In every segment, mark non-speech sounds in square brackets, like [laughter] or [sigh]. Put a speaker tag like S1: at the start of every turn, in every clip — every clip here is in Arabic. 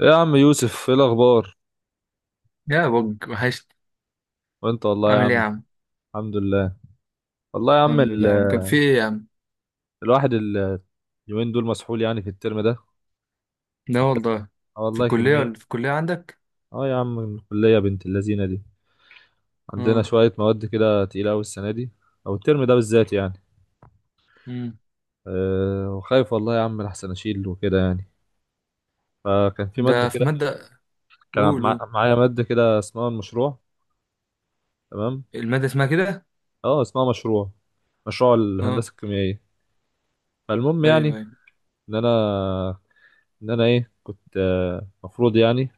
S1: إيه يا عم يوسف، ايه الاخبار؟
S2: يا بج وحشت.
S1: وانت والله يا
S2: عامل
S1: عم.
S2: ايه يا عم؟
S1: الحمد لله. والله يا عم
S2: الحمد لله يا عم، كان في ايه يا عم؟
S1: الواحد ال- اليومين دول مسحول يعني في الترم ده.
S2: لا والله.
S1: آه
S2: في
S1: والله،
S2: الكلية ولا
S1: كمية.
S2: في الكلية عندك؟
S1: اه يا عم، الكلية بنت اللذينة دي. عندنا
S2: اه.
S1: شوية مواد كده تقيلة أوي السنة دي، أو الترم ده بالذات يعني.
S2: امم
S1: أه وخايف والله يا عم لحسن أشيل وكده يعني. فكان في مادة
S2: ده في
S1: كده،
S2: مادة؟
S1: كان
S2: قول قول.
S1: معايا مادة كده اسمها المشروع. تمام.
S2: المادة اسمها كده؟
S1: اه، اسمها مشروع، مشروع
S2: اه.
S1: الهندسة الكيميائية. فالمهم يعني،
S2: ايوه ايوه
S1: إن أنا ان انا ايه كنت، مفروض يعني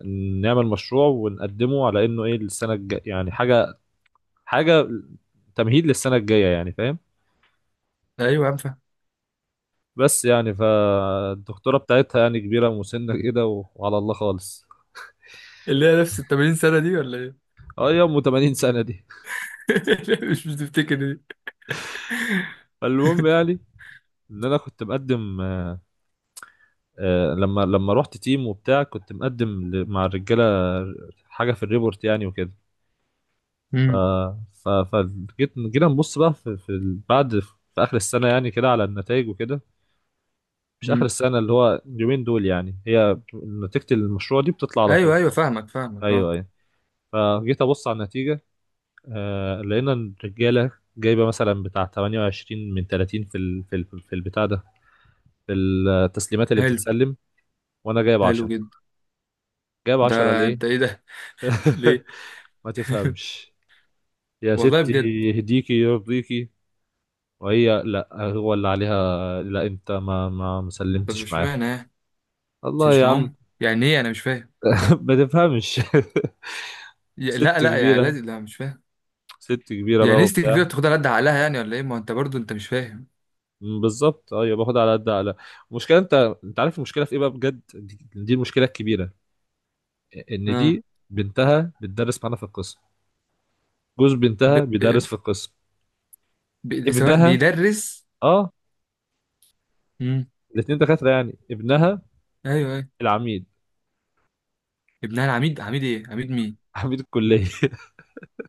S1: إن نعمل مشروع ونقدمه على انه ايه للسنه الجايه، يعني حاجه تمهيد للسنه الجايه، يعني فاهم.
S2: ايوه يا عم فاهم.
S1: بس يعني فالدكتوره بتاعتها يعني كبيره ومسنه كده وعلى الله خالص.
S2: اللي هي نفس ال 80 سنة دي ولا ايه؟
S1: اه يا ام، 80 سنه دي.
S2: [laughs] مش بتفتكر دي.
S1: [laughs] فالمهم
S2: [laughs]
S1: يعني ان انا كنت مقدم. لما رحت تيم وبتاع كنت مقدم، مع الرجاله، حاجه في الريبورت يعني وكده. ف
S2: امم
S1: ف فجيت، جينا نبص بقى، بعد في اخر السنه يعني كده على النتائج وكده. مش اخر
S2: امم
S1: السنه، اللي هو اليومين دول يعني، هي نتيجه المشروع دي بتطلع على
S2: ايوه
S1: طول.
S2: ايوه فاهمك اه.
S1: ايوه، ايوه. فجيت ابص على النتيجه. آه لقينا إن الرجاله جايبه مثلا بتاع 28 من 30 في البتاع ده، في التسليمات اللي
S2: حلو.
S1: بتتسلم. وانا جايب
S2: حلو
S1: 10.
S2: جدا.
S1: جايب
S2: ده
S1: 10 ليه؟
S2: انت ايه ده؟ [laughs]
S1: [laughs]
S2: ليه؟
S1: ما
S2: [laughs]
S1: تفهمش يا
S2: والله
S1: ستي،
S2: بجد.
S1: يهديكي يرضيكي. وهي لا هو اللي عليها، لا انت ما
S2: طب
S1: مسلمتش معاهم.
S2: اشمعنى يعني؟ مش
S1: الله
S2: مش
S1: يا عم.
S2: معاهم يعني ايه؟ انا مش فاهم.
S1: [laughs] ما تفهمش. [laughs] ست
S2: لا لا، يعني
S1: كبيرة،
S2: لازم، لا مش فاهم.
S1: ست كبيره
S2: يعني
S1: بقى
S2: نيستك
S1: وبتاع.
S2: كبيرة بتاخدها على قد عقلها يعني ولا ايه؟ ما هو انت برضو انت مش فاهم.
S1: بالظبط، ايوه، باخد على قد على. المشكله انت، انت عارف المشكله في ايه بقى بجد؟ دي المشكله الكبيره، ان
S2: اه.
S1: دي بنتها بتدرس معانا في القسم، جوز
S2: ب...
S1: بنتها بيدرس في القسم،
S2: سواء
S1: ابنها.
S2: بيدرس.
S1: اه.
S2: امم.
S1: الاثنين دكاتره يعني، ابنها
S2: ايوه ايوه.
S1: العميد،
S2: ابنها العميد؟ عميد ايه؟ عميد مين؟
S1: عميد الكليه. [laughs]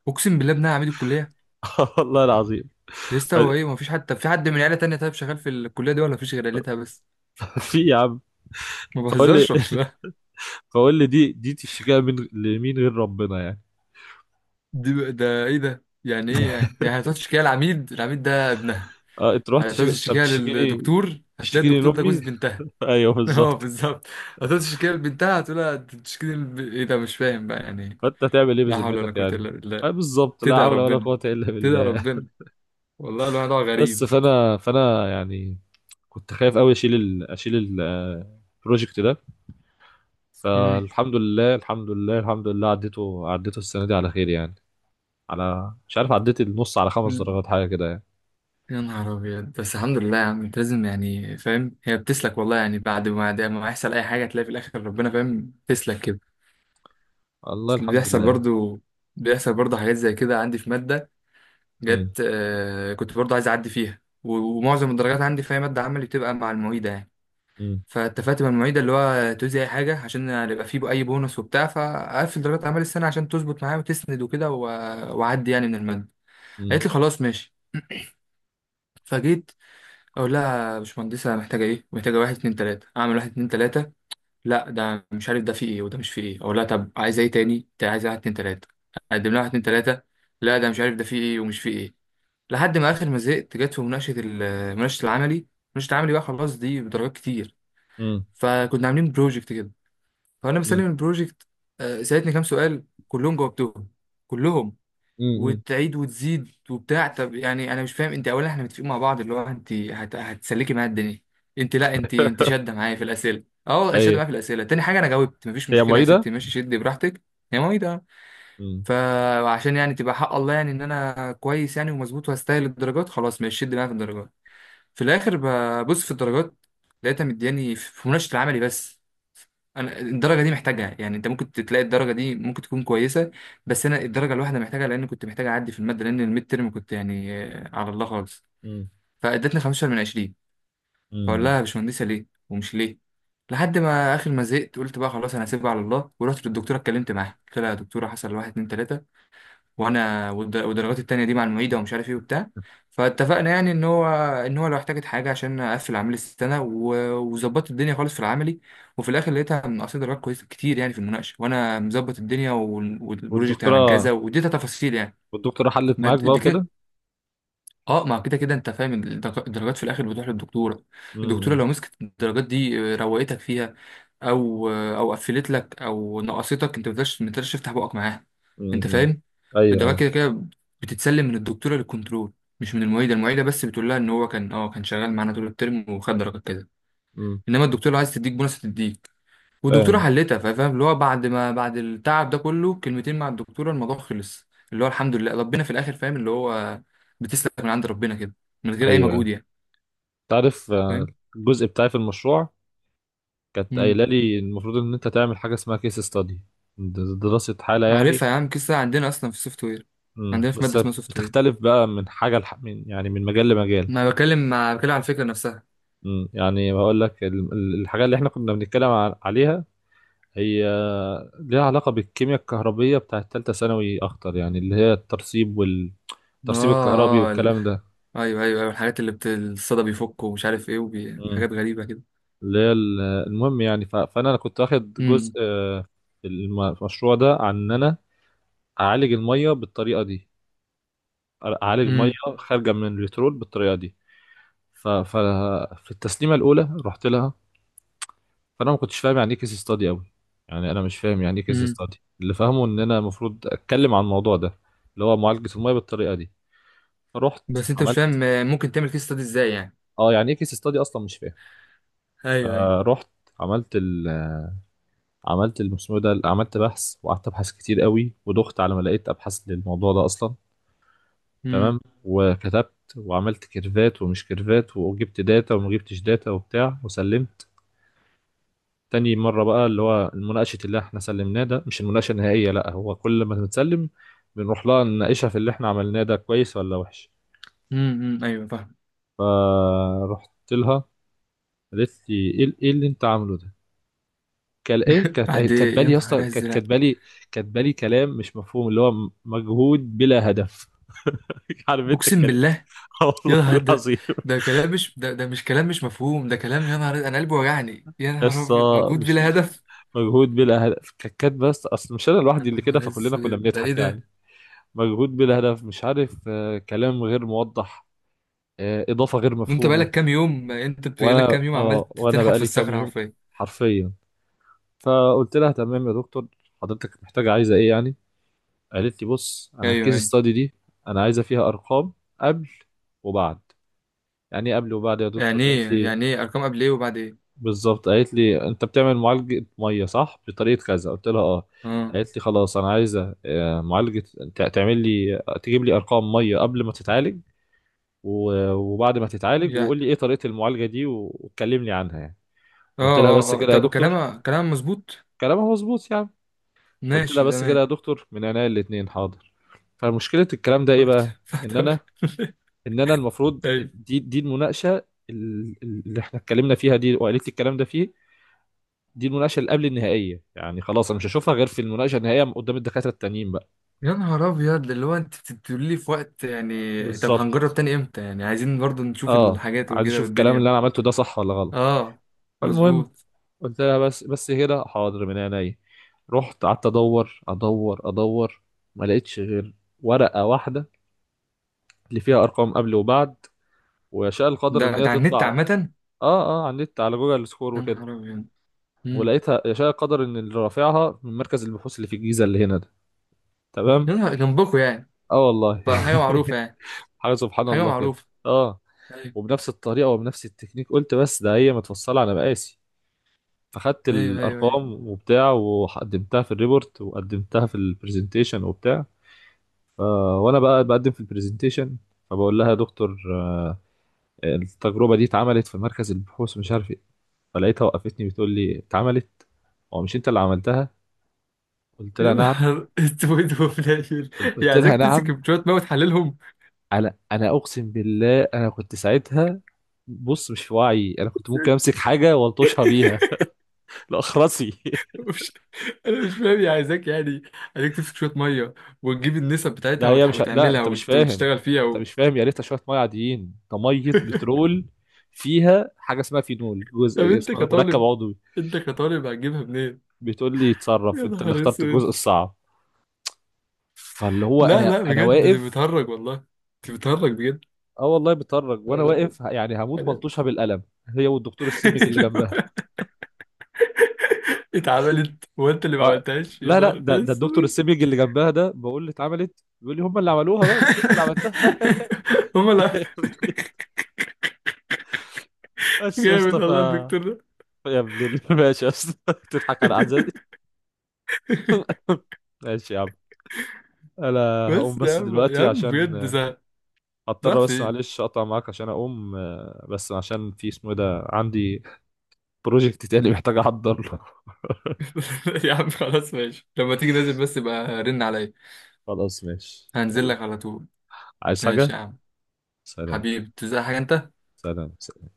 S2: اقسم بالله ابنها عميد الكليه؟
S1: والله العظيم.
S2: يا
S1: [laughs]
S2: اسطى،
S1: ف-
S2: هو ايه، ما فيش حتى في حد من عيله تانية طيب شغال في الكليه دي، ولا فيش غير عيلتها بس؟
S1: في يا عم.
S2: ما
S1: فقول لي
S2: بهزرش ولا [laughs]
S1: فقول لي دي تشتكيها من لمين غير ربنا يعني.
S2: ده ايه ده، يعني ايه؟ يعني هتقعد تشتكيها، العميد، العميد ده ابنها؟
S1: اه، انت رحت
S2: هتقعد
S1: تشتكي، انت
S2: تشتكيها
S1: بتشتكيني،
S2: للدكتور، هتلاقي
S1: تشتكيني
S2: الدكتور ده جوز
S1: لامي.
S2: بنتها.
S1: [laughs] ايوه
S2: [laughs] اه
S1: بالظبط.
S2: بالظبط. هتقعد تشتكيها لبنتها، هتقولها تشتكي ايه ده، مش فاهم بقى يعني إيه.
S1: فانت هتعمل ايه
S2: لا حول ولا
S1: بذمتك
S2: قوة
S1: يعني؟
S2: إلا بالله.
S1: اه بالظبط، لا
S2: تدعي
S1: حول ولا
S2: ربنا،
S1: قوه الا
S2: تدعي
S1: بالله.
S2: ربنا. والله الواحد هو
S1: بس
S2: غريب.
S1: فانا يعني كنت خايف قوي البروجكت ده.
S2: امم
S1: فالحمد لله، الحمد لله، الحمد لله، عديته السنه دي على خير يعني، على مش عارف، عديت النص على خمس
S2: ل-
S1: درجات حاجه كده يعني.
S2: يا نهار أبيض. بس الحمد لله يا عم، أنت لازم يعني فاهم، هي بتسلك والله يعني. بعد ما ده ما يحصل أي حاجة تلاقي في الآخر ربنا فاهم تسلك كده.
S1: الله،
S2: بس اللي
S1: الحمد
S2: بيحصل
S1: لله.
S2: برضو، بيحصل برضو حاجات زي كده. عندي في مادة
S1: امم،
S2: جت، كنت برضو عايز أعدي فيها، ومعظم الدرجات عندي في أي مادة عملي بتبقى مع المعيدة يعني.
S1: امم،
S2: فاتفقت مع المعيدة اللي هو توزي أي حاجة عشان يبقى فيه أي بونص وبتاع، فقفل درجات أعمال السنة عشان تظبط معايا وتسند وكده وأعدي يعني من المادة.
S1: امم،
S2: قالت لي خلاص ماشي. فجيت أقول لها يا باشمهندسة محتاجة إيه؟ محتاجة واحد اتنين تلاتة، أعمل واحد اتنين تلاتة. لا ده مش عارف ده فيه إيه وده مش فيه إيه. أقول لها طب عايزة إيه تاني؟ عايزة واحد اتنين تلاتة، أقدم لها واحد اتنين تلاتة. لا ده مش عارف ده فيه إيه ومش فيه إيه. لحد ما آخر ما زهقت جت في مناقشة مناقشة العملي. مناقشة العملي بقى خلاص دي بدرجات كتير.
S1: امم،
S2: فكنا عاملين بروجكت كده، فانا
S1: امم،
S2: بسلم البروجكت. سالتني كام سؤال كلهم جاوبتهم، كلهم.
S1: امم.
S2: وتعيد وتزيد وبتاع. طب يعني انا مش فاهم انت، اولا احنا متفقين مع بعض اللي هو انت هتسلكي معايا الدنيا. انت، لا انت
S1: [laughs]
S2: شاده معايا في الاسئله. اه شاده
S1: هي
S2: معايا في الاسئله. تاني حاجه انا جاوبت، مفيش
S1: هي
S2: مشكله يا
S1: معيده.
S2: ستي ماشي شدي براحتك. يا مامي،
S1: امم،
S2: فعشان يعني تبقى حق الله يعني ان انا كويس يعني ومظبوط وهستاهل الدرجات، خلاص ماشي شد معايا في الدرجات. في الاخر ببص في الدرجات لقيتها مدياني في مناقشه العملي بس. انا الدرجه دي محتاجها يعني. انت ممكن تلاقي الدرجه دي ممكن تكون كويسه، بس انا الدرجه الواحده محتاجها لان كنت محتاج اعدي في الماده. لان الميد ترم كنت يعني على الله خالص.
S1: امم،
S2: فادتني 15 من 20. فاقول لها يا
S1: امم.
S2: باشمهندسه ليه ومش ليه. لحد ما اخر ما زهقت قلت بقى خلاص انا هسيبها على الله. ورحت للدكتوره اتكلمت معاها قلت لها يا دكتوره حصل واحد اتنين تلاته، وانا والدرجات التانية دي مع المعيدة ومش عارف ايه وبتاع. فاتفقنا يعني ان هو لو احتاجت حاجة عشان اقفل عملي السنة وظبطت الدنيا خالص في العملي. وفي الاخر لقيتها منقصة درجات كويسة كتير يعني في المناقشة وانا مظبط الدنيا والبروجكت عن
S1: والدكتوره
S2: كذا واديتها تفاصيل يعني.
S1: والدكتوره حلت
S2: ما د-
S1: معاك بقى
S2: دي كده.
S1: وكده.
S2: اه ما كده كده انت فاهم، الدرجات في الاخر بتروح للدكتورة. الدكتورة
S1: امم،
S2: لو مسكت الدرجات دي روقتك فيها، او قفلت لك او نقصتك انت، ما تقدرش ما تقدرش تفتح بقك معاها. انت
S1: امم.
S2: فاهم؟
S1: ايوه،
S2: الدواء كده
S1: ايوه.
S2: كده بتتسلم من الدكتوره للكنترول، مش من المعيده. المعيده بس بتقول لها ان هو كان كان شغال معانا طول الترم وخد درجه كده.
S1: مم،
S2: انما الدكتوره عايز تديك بونص تديك، والدكتوره
S1: فاهم.
S2: حلتها. فاهم اللي هو بعد ما، بعد التعب ده كله كلمتين مع الدكتوره الموضوع خلص، اللي هو الحمد لله ربنا في الاخر فاهم اللي هو بتسلك من عند ربنا كده، من غير اي مجهود
S1: ايوه.
S2: يعني.
S1: تعرف،
S2: فاهم.
S1: الجزء بتاعي في المشروع كانت
S2: امم
S1: قايله لي المفروض ان انت تعمل حاجه اسمها كيس ستادي، دراسه حاله يعني.
S2: عارفها يا عم، قصه عندنا اصلا في السوفت وير.
S1: مم،
S2: عندنا في
S1: بس
S2: ماده اسمها سوفت وير.
S1: بتختلف بقى من يعني من مجال لمجال.
S2: ما بكلم، مع بكلم عن الفكرة نفسها.
S1: مم، يعني بقول لك الحاجه اللي احنا كنا بنتكلم عليها، هي ليها علاقه بالكيمياء الكهربيه بتاعت ثالثه ثانوي اكتر يعني، اللي هي الترسيب والترسيب الكهربي
S2: اه اه ال-
S1: والكلام
S2: ايوه ايوه ايوه. الحاجات اللي الصدى بيفك ومش عارف ايه
S1: ده،
S2: حاجات غريبة كده.
S1: اللي هي المهم يعني. فانا كنت واخد جزء،
S2: امم
S1: المشروع ده، عن ان انا اعالج الميه بالطريقه دي، اعالج ميه
S2: امم
S1: خارجه من البترول بالطريقه دي. ففي التسليمه الاولى رحت لها، فانا ما كنتش فاهم يعني ايه كيس ستادي قوي، يعني انا مش فاهم يعني ايه كيس
S2: امم
S1: ستادي. اللي فاهمه ان انا المفروض اتكلم عن الموضوع ده، اللي هو معالجه الميه بالطريقه دي. فرحت
S2: بس انت مش
S1: عملت.
S2: فاهم ممكن تعمل كيس ستادي ازاي يعني.
S1: اه، يعني ايه كيس ستادي اصلا مش فاهم.
S2: ايوه ايوه.
S1: فرحت، عملت عملت المسمار ده، عملت بحث وقعدت ابحث كتير قوي ودخت على ما لقيت ابحاث للموضوع ده اصلا. تمام.
S2: امم
S1: وكتبت وعملت كيرفات ومش كيرفات، وجبت داتا وما جبتش داتا وبتاع، وسلمت. تاني مرة بقى، اللي هو المناقشة اللي احنا سلمناه ده مش المناقشة النهائية، لا، هو كل ما بنتسلم بنروح لها نناقشها في اللي احنا عملناه ده، كويس ولا وحش.
S2: ايوه فاهم.
S1: فرحت لها، قالت لي ايه اللي انت عامله ده؟ كال ايه
S2: [laughs]
S1: كانت
S2: بعد يا
S1: كاتبالي يا اسطى،
S2: نهار
S1: كانت
S2: ازرق.
S1: كاتبالي كاتبالي كلام مش مفهوم، اللي هو مجهود بلا هدف. [laughs] عارف انت
S2: اقسم
S1: الكلام.
S2: بالله.
S1: [laughs]
S2: يا
S1: والله
S2: نهار ده،
S1: العظيم.
S2: ده كلام، مش ده، ده مش كلام مش مفهوم، ده كلام يا نهار، انا قلبي وجعني يا نهار
S1: قصة،
S2: ابيض، مجهود
S1: مش
S2: بلا هدف.
S1: مجهود بلا هدف ككات، بس اصل مش انا
S2: يا
S1: لوحدي اللي كده،
S2: نهار
S1: فكلنا كنا
S2: اسود ده ايه
S1: بنضحك يعني.
S2: ده؟
S1: مجهود بلا هدف، مش عارف، كلام غير موضح، اضافة غير
S2: انت
S1: مفهومة.
S2: بقالك كام يوم، انت بقالك
S1: وانا
S2: كام يوم عمال
S1: اه وانا
S2: تنحت في
S1: بقالي كام
S2: الصخرة
S1: يوم،
S2: حرفيا.
S1: حرفيا. فقلت لها تمام يا دكتور، حضرتك محتاجة، عايزة ايه يعني؟ قالت لي بص، انا
S2: ايوه
S1: الكيس
S2: ايوه.
S1: ستادي دي انا عايزة فيها ارقام، قبل وبعد. يعني ايه قبل وبعد يا دكتور؟
S2: يعني
S1: قالت
S2: ايه
S1: لي،
S2: يعني ايه ارقام قبل ايه وبعد ايه؟
S1: بالظبط، قالت لي انت بتعمل معالجة مية صح بطريقة كذا. قلت لها اه.
S2: اه
S1: قالت لي خلاص، انا عايزة معالجة، تعمل لي، تجيب لي ارقام مية قبل ما تتعالج وبعد ما تتعالج،
S2: يعني
S1: وقول لي ايه طريقة المعالجة دي، وتكلمني عنها يعني. قلت لها بس
S2: اه
S1: كده يا
S2: طب
S1: دكتور؟
S2: كلامها كلام مظبوط.
S1: كلامها مظبوط يعني. قلت لها
S2: ماشي
S1: بس كده يا
S2: تمام.
S1: دكتور، من عينيا الاتنين، حاضر. فمشكلة الكلام ده ايه
S2: رحت
S1: بقى؟ ان انا
S2: فتحت.
S1: ان انا المفروض،
S2: [laughs] ايوه.
S1: دي المناقشة، اللي احنا اتكلمنا فيها دي وقالت لي الكلام ده فيه. دي المناقشه اللي قبل النهائيه يعني، خلاص انا مش هشوفها غير في المناقشه النهائيه قدام الدكاتره التانيين بقى.
S2: يا نهار ابيض اللي هو انت بتقولي لي في وقت يعني. طب هنجرب
S1: بالظبط.
S2: تاني امتى يعني؟ عايزين برضو نشوف
S1: اه،
S2: الحاجات
S1: عايز
S2: وكده
S1: اشوف الكلام اللي
S2: والدنيا.
S1: انا عملته ده صح ولا غلط.
S2: اه
S1: فالمهم،
S2: مظبوط.
S1: قلت لها بس كده حاضر، من عينيا. رحت قعدت ادور ادور ادور، ما لقيتش غير ورقه واحده اللي فيها ارقام قبل وبعد. ويشاء القدر ان
S2: ده
S1: هي
S2: ده على
S1: تطلع.
S2: النت عامة.
S1: اه، اه، على النت، على جوجل سكور
S2: يا
S1: وكده.
S2: نهار ابيض. امم
S1: ولقيتها يشاء القدر ان اللي رافعها من مركز البحوث اللي في الجيزه اللي هنا ده. تمام.
S2: يا نهار جنبكوا يعني.
S1: اه والله.
S2: بقى حاجة معروفة يعني.
S1: [laughs] حاجه سبحان
S2: حاجة
S1: الله كده.
S2: معروفة.
S1: اه.
S2: ايوه.
S1: وبنفس الطريقه وبنفس التكنيك، قلت بس ده هي متفصله على مقاسي. فخدت
S2: ايوه ايوه، أيوة.
S1: الارقام وبتاع وقدمتها في الريبورت وقدمتها في البرزنتيشن وبتاع. ف... وانا بقى بقدم في البرزنتيشن، فبقول لها يا دكتور، التجربه دي اتعملت في مركز البحوث مش عارف ايه. فلقيتها وقفتني بتقول لي اتعملت؟ هو مش انت اللي عملتها؟ قلت
S2: يا
S1: لها نعم.
S2: نهار اسود وفلاشر. هي
S1: قلت
S2: عايزاك
S1: لها
S2: تمسك
S1: نعم.
S2: شويه ميه وتحللهم.
S1: انا اقسم بالله انا كنت ساعتها، بص، مش في وعي، انا كنت ممكن امسك حاجه والطشها بيها.
S2: [laughs]
S1: [laughs] لاخرسي.
S2: مش، انا مش فاهم، هي عايزاك يعني، عايزاك تمسك شويه ميه وتجيب النسب
S1: ده
S2: بتاعتها
S1: هي مش، لا،
S2: وتعملها
S1: انت مش فاهم،
S2: وتشتغل فيها
S1: انت
S2: و...
S1: مش فاهم، يا ريتها شويه ميه عاديين، ده ميه
S2: [laughs]
S1: بترول، فيها حاجه اسمها فينول،
S2: طب
S1: جزء
S2: انت
S1: اسمه مركب
S2: كطالب،
S1: عضوي.
S2: انت كطالب هتجيبها منين؟
S1: بتقول لي
S2: يا
S1: اتصرف انت اللي
S2: نهار
S1: اخترت
S2: اسود.
S1: الجزء الصعب. فاللي هو
S2: لا
S1: انا
S2: لا
S1: انا
S2: بجد دي
S1: واقف.
S2: بتهرج والله، دي بتهرج بجد.
S1: اه والله بتفرج وانا
S2: انا
S1: واقف، يعني هموت
S2: انا
S1: ملطوشه بالقلم، هي والدكتور السمج اللي جنبها.
S2: [laughs] اتعملت وانت اللي ما
S1: اه.
S2: عملتهاش؟ يا
S1: لا، لا،
S2: نهار
S1: ده الدكتور
S2: اسود.
S1: السمج اللي جنبها ده بقول له اتعملت، بيقول لي هم اللي عملوها بقى، مش انت اللي عملتها.
S2: [laughs] هما لا.
S1: [laughs] بس يا
S2: جامد
S1: اسطى، ف،
S2: والله الدكتور ده.
S1: [laughs] ماشي يا اسطى. [laughs] تضحك على عزاز.
S2: [laughs]
S1: [laughs] ماشي يا عم. انا هقوم
S2: بس يا
S1: بس
S2: عم يا
S1: دلوقتي
S2: عم
S1: عشان
S2: بجد زهق. راح
S1: هضطر بس
S2: فين؟
S1: معلش اقطع معاك عشان اقوم، بس عشان في اسمه إيه ده، عندي بروجكت تاني محتاج احضر له. [laughs]
S2: [laughs] يا عم خلاص ماشي، لما تيجي نازل بس يبقى رن عليا.
S1: خلاص ماشي
S2: هنزل
S1: يلا.
S2: لك على طول.
S1: عايز حاجة.
S2: ماشي يا عم.
S1: سلام،
S2: حبيبي تزهق حاجة انت؟
S1: سلام، سلام.